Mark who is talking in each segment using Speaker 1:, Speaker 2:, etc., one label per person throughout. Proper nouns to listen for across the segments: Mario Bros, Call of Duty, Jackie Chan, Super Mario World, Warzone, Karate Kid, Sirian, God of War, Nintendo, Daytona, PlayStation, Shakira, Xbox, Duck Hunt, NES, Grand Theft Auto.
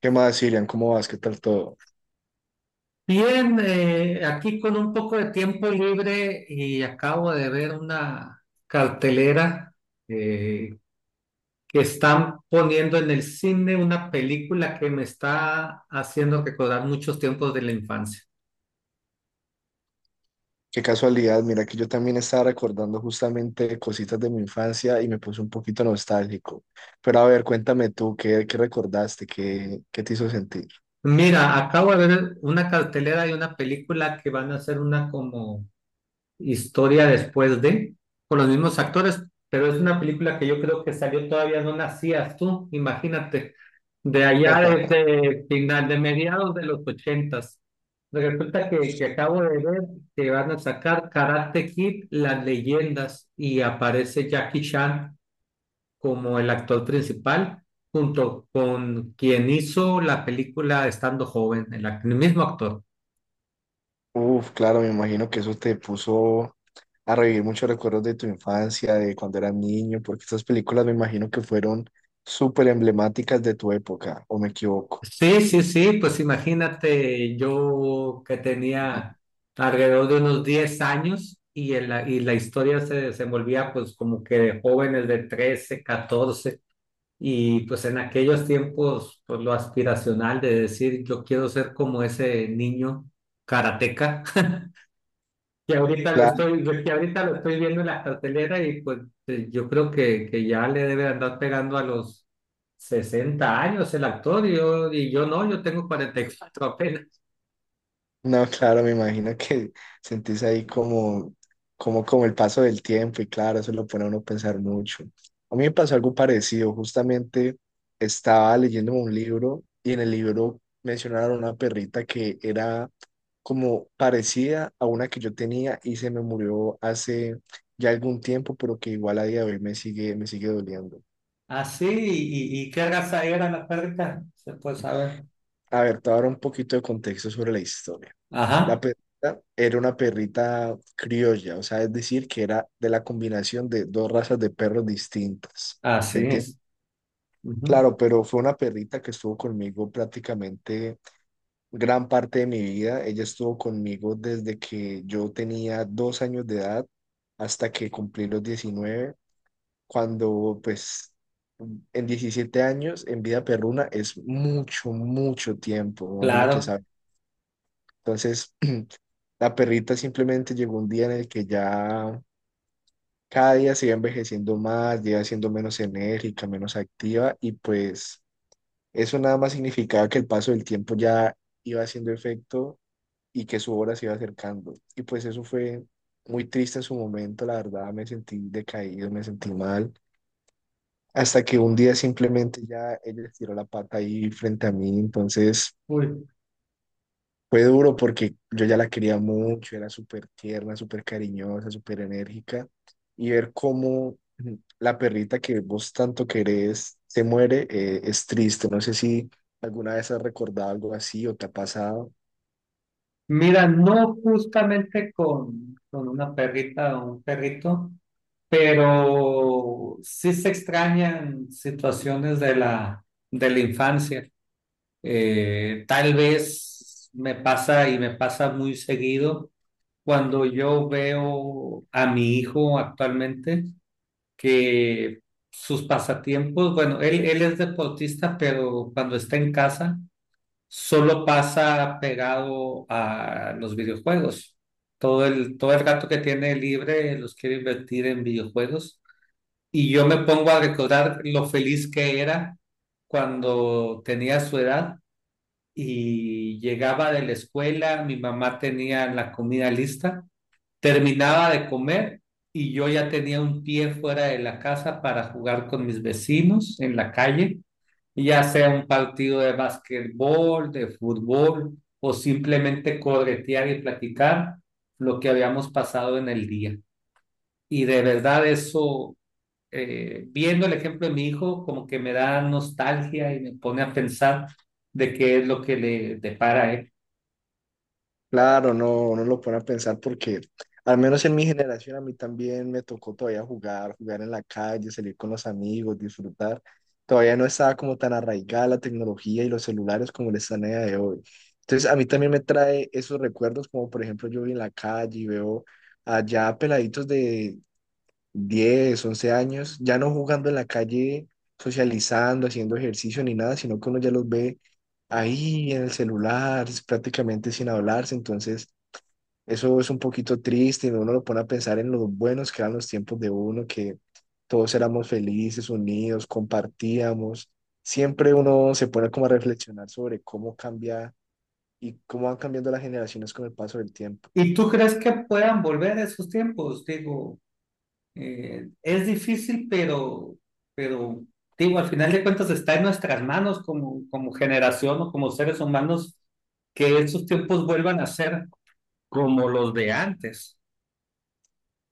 Speaker 1: ¿Qué más, Sirian? ¿Cómo vas? ¿Qué tal todo?
Speaker 2: Bien, aquí con un poco de tiempo libre y acabo de ver una cartelera eh, que están poniendo en el cine una película que me está haciendo recordar muchos tiempos de la infancia.
Speaker 1: Qué casualidad, mira que yo también estaba recordando justamente cositas de mi infancia y me puse un poquito nostálgico. Pero a ver, cuéntame tú, ¿qué recordaste? ¿Qué te hizo sentir?
Speaker 2: Mira, acabo de ver una cartelera y una película que van a hacer una como historia después de, con los mismos actores, pero es una película que yo creo que salió todavía no nacías tú, imagínate. De allá desde final de mediados de los ochentas. Resulta que acabo de ver que van a sacar Karate Kid, las leyendas, y aparece Jackie Chan como el actor principal, junto con quien hizo la película estando joven, el mismo actor.
Speaker 1: Uf, claro, me imagino que eso te puso a revivir muchos recuerdos de tu infancia, de cuando eras niño, porque estas películas me imagino que fueron súper emblemáticas de tu época, ¿o me equivoco?
Speaker 2: Sí, sí, sí, pues imagínate yo que tenía alrededor de unos 10 años y, y la historia se desenvolvía pues como que de jóvenes de 13, 14, y pues en aquellos tiempos pues lo aspiracional de decir yo quiero ser como ese niño karateca que ahorita lo estoy, yo que ahorita lo estoy viendo en la cartelera y pues yo creo que ya le debe andar pegando a los 60 años el actor, y yo, no, yo tengo 44 apenas.
Speaker 1: No, claro, me imagino que sentís ahí como, como el paso del tiempo y claro, eso lo pone a uno a pensar mucho. A mí me pasó algo parecido, justamente estaba leyendo un libro y en el libro mencionaron una perrita que era como parecida a una que yo tenía y se me murió hace ya algún tiempo, pero que igual a día de hoy me sigue doliendo.
Speaker 2: Así, y qué raza era la perrita? Se puede saber.
Speaker 1: A ver, te voy a dar un poquito de contexto sobre la historia. La
Speaker 2: Ajá,
Speaker 1: perrita era una perrita criolla, o sea, es decir, que era de la combinación de dos razas de perros distintas. ¿Me
Speaker 2: así
Speaker 1: entiendes?
Speaker 2: es. Ujú.
Speaker 1: Claro, pero fue una perrita que estuvo conmigo prácticamente gran parte de mi vida. Ella estuvo conmigo desde que yo tenía dos años de edad hasta que cumplí los 19, cuando pues en 17 años en vida perruna es mucho, mucho tiempo, me imagino que
Speaker 2: Claro.
Speaker 1: sabes. Entonces, la perrita simplemente llegó un día en el que ya cada día se iba envejeciendo más, ya iba siendo menos enérgica, menos activa y pues eso nada más significaba que el paso del tiempo ya iba haciendo efecto y que su hora se iba acercando. Y pues eso fue muy triste en su momento, la verdad me sentí decaído, me sentí mal, hasta que un día simplemente ya ella estiró la pata ahí frente a mí, entonces
Speaker 2: Uy.
Speaker 1: fue duro porque yo ya la quería mucho, era súper tierna, súper cariñosa, súper enérgica. Y ver cómo la perrita que vos tanto querés se muere, es triste. No sé si alguna vez has recordado algo así o te ha pasado.
Speaker 2: Mira, no justamente con, una perrita o un perrito, pero sí se extrañan situaciones de la infancia. Tal vez me pasa y me pasa muy seguido cuando yo veo a mi hijo actualmente, que sus pasatiempos, bueno, él es deportista, pero cuando está en casa solo pasa pegado a los videojuegos. Todo el rato que tiene libre los quiere invertir en videojuegos, y yo me pongo a recordar lo feliz que era cuando tenía su edad y llegaba de la escuela, mi mamá tenía la comida lista, terminaba de comer y yo ya tenía un pie fuera de la casa para jugar con mis vecinos en la calle, ya sea un partido de básquetbol, de fútbol, o simplemente corretear y platicar lo que habíamos pasado en el día. Y de verdad eso, viendo el ejemplo de mi hijo, como que me da nostalgia y me pone a pensar de qué es lo que le depara a él.
Speaker 1: Claro, no, no lo pone a pensar porque al menos en mi generación a mí también me tocó todavía jugar, jugar en la calle, salir con los amigos, disfrutar. Todavía no estaba como tan arraigada la tecnología y los celulares como lo están a día de hoy. Entonces a mí también me trae esos recuerdos como por ejemplo yo voy en la calle y veo allá peladitos de 10, 11 años, ya no jugando en la calle, socializando, haciendo ejercicio ni nada, sino que uno ya los ve ahí en el celular, es prácticamente sin hablarse. Entonces, eso es un poquito triste y uno lo pone a pensar en los buenos que eran los tiempos de uno, que todos éramos felices, unidos, compartíamos. Siempre uno se pone como a reflexionar sobre cómo cambia y cómo van cambiando las generaciones con el paso del tiempo.
Speaker 2: ¿Y tú crees que puedan volver a esos tiempos? Digo, es difícil, pero, digo, al final de cuentas está en nuestras manos, como generación o como seres humanos, que esos tiempos vuelvan a ser como los de antes.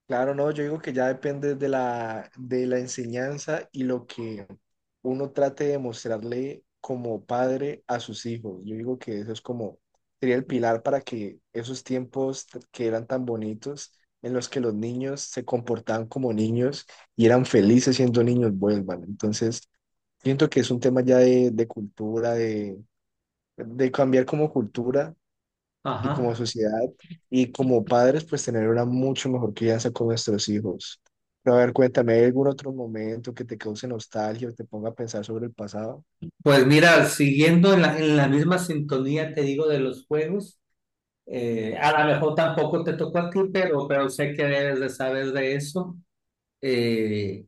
Speaker 1: Claro, no, yo digo que ya depende de la enseñanza y lo que uno trate de mostrarle como padre a sus hijos. Yo digo que eso es como, sería el pilar para que esos tiempos que eran tan bonitos, en los que los niños se comportaban como niños y eran felices siendo niños, vuelvan. Entonces, siento que es un tema ya de cultura, de cambiar como cultura y como
Speaker 2: Ajá.
Speaker 1: sociedad y como padres, pues tener una mucho mejor crianza con nuestros hijos. Pero a ver, cuéntame, ¿hay algún otro momento que te cause nostalgia o te ponga a pensar sobre el pasado?
Speaker 2: Pues mira, siguiendo en la, misma sintonía, te digo, de los juegos. A lo mejor tampoco te tocó a ti, pero sé que debes de saber de eso. Eh,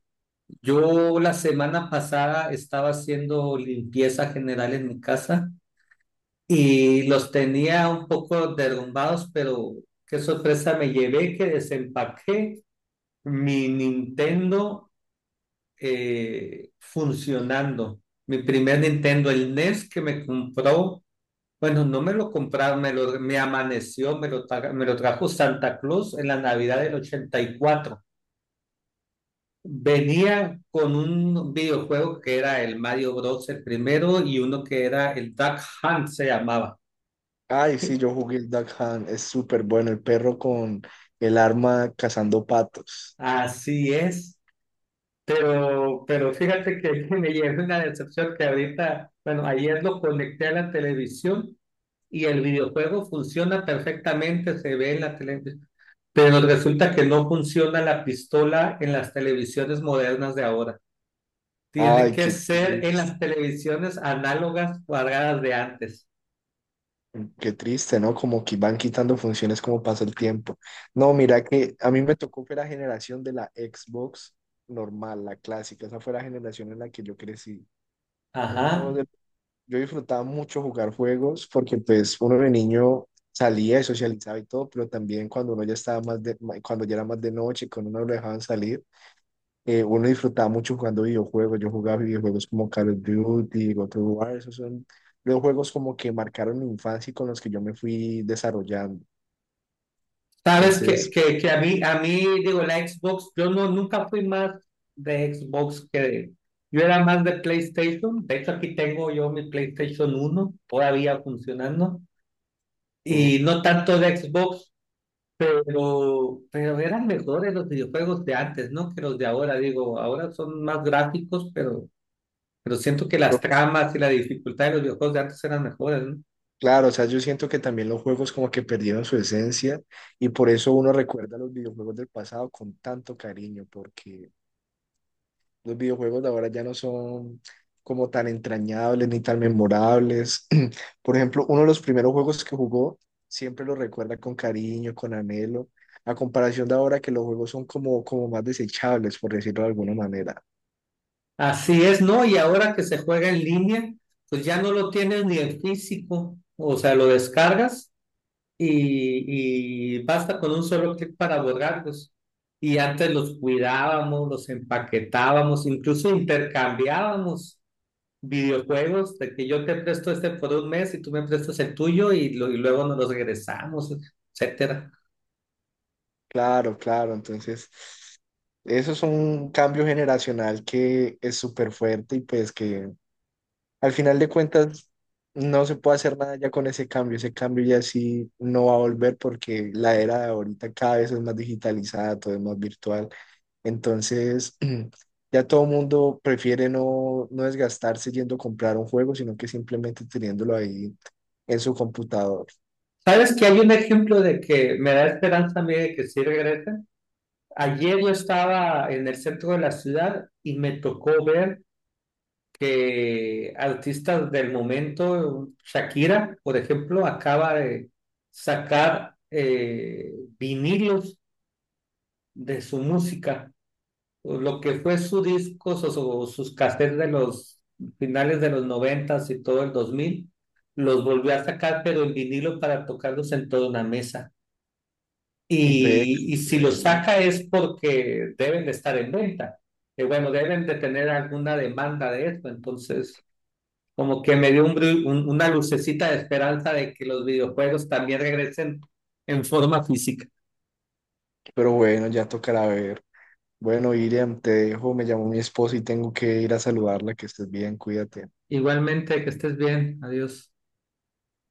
Speaker 2: yo la semana pasada estaba haciendo limpieza general en mi casa y los tenía un poco derrumbados, pero qué sorpresa me llevé que desempaqué mi Nintendo, funcionando. Mi primer Nintendo, el NES, que me compró, bueno, no me lo compraron, me amaneció, me lo trajo Santa Claus en la Navidad del 84. Venía con un videojuego que era el Mario Bros., el primero, y uno que era el Duck Hunt, se llamaba.
Speaker 1: Ay, sí, yo jugué el Duck Hunt, es súper bueno, el perro con el arma cazando patos.
Speaker 2: Así es, pero, fíjate que me llevé una decepción, que ahorita, bueno, ayer lo conecté a la televisión y el videojuego funciona perfectamente, se ve en la televisión, pero resulta que no funciona la pistola en las televisiones modernas de ahora. Tiene
Speaker 1: Ay,
Speaker 2: que ser en las televisiones análogas cuadradas de antes.
Speaker 1: qué triste, ¿no? Como que van quitando funciones como pasa el tiempo. No, mira que a mí me tocó fue la generación de la Xbox normal, la clásica, esa fue la generación en la que yo crecí.
Speaker 2: Ajá.
Speaker 1: Uno de yo disfrutaba mucho jugar juegos porque pues uno de niño salía y socializaba y todo, pero también cuando uno ya estaba cuando ya era más de noche, cuando uno lo dejaban salir, uno disfrutaba mucho jugando videojuegos. Yo jugaba videojuegos como Call of Duty, God of War, esos son los juegos como que marcaron mi infancia y con los que yo me fui desarrollando.
Speaker 2: Sabes que,
Speaker 1: Entonces,
Speaker 2: que, que a mí, digo, la Xbox, yo no, nunca fui más de Xbox que de, yo era más de PlayStation. De hecho, aquí tengo yo mi PlayStation uno todavía funcionando.
Speaker 1: uf,
Speaker 2: Y no tanto de Xbox, pero, eran mejores los videojuegos de antes, ¿no? Que los de ahora, digo, ahora son más gráficos, pero siento que las
Speaker 1: yo-
Speaker 2: tramas y la dificultad de los videojuegos de antes eran mejores, ¿no?
Speaker 1: claro, o sea, yo siento que también los juegos como que perdieron su esencia y por eso uno recuerda los videojuegos del pasado con tanto cariño, porque los videojuegos de ahora ya no son como tan entrañables ni tan memorables. Por ejemplo, uno de los primeros juegos que jugó siempre lo recuerda con cariño, con anhelo, a comparación de ahora que los juegos son como, como más desechables, por decirlo de alguna manera.
Speaker 2: Así es, ¿no? Y ahora que se juega en línea, pues ya no lo tienes ni en físico, o sea, lo descargas y basta con un solo clic para borrarlos. Y antes los cuidábamos, los empaquetábamos, incluso intercambiábamos videojuegos, de que yo te presto este por un mes y tú me prestas el tuyo y luego nos los regresamos, etcétera.
Speaker 1: Claro, claro, entonces eso es un cambio generacional que es súper fuerte y pues que al final de cuentas, no se puede hacer nada ya con ese cambio. Ese cambio ya sí no va a volver porque la era de ahorita cada vez es más digitalizada, todo es más virtual. Entonces, ya todo el mundo prefiere no, no desgastarse yendo a comprar un juego, sino que simplemente teniéndolo ahí en su computador.
Speaker 2: ¿Sabes que hay un ejemplo de que me da esperanza a mí de que sí regresen? Ayer yo estaba en el centro de la ciudad y me tocó ver que artistas del momento, Shakira, por ejemplo, acaba de sacar, vinilos de su música. Lo que fue su discos o sus cassettes de los finales de los noventas y todo el dos mil, los volvió a sacar, pero en vinilo para tocarlos en toda una mesa.
Speaker 1: Ve,
Speaker 2: Y si los
Speaker 1: bueno,
Speaker 2: saca es porque deben de estar en venta, que bueno, deben de tener alguna demanda de esto. Entonces, como que me dio una lucecita de esperanza de que los videojuegos también regresen en forma física.
Speaker 1: pero bueno, ya tocará ver. Bueno, Iriam, te dejo, me llamó mi esposa y tengo que ir a saludarla, que estés bien, cuídate.
Speaker 2: Igualmente, que estés bien. Adiós.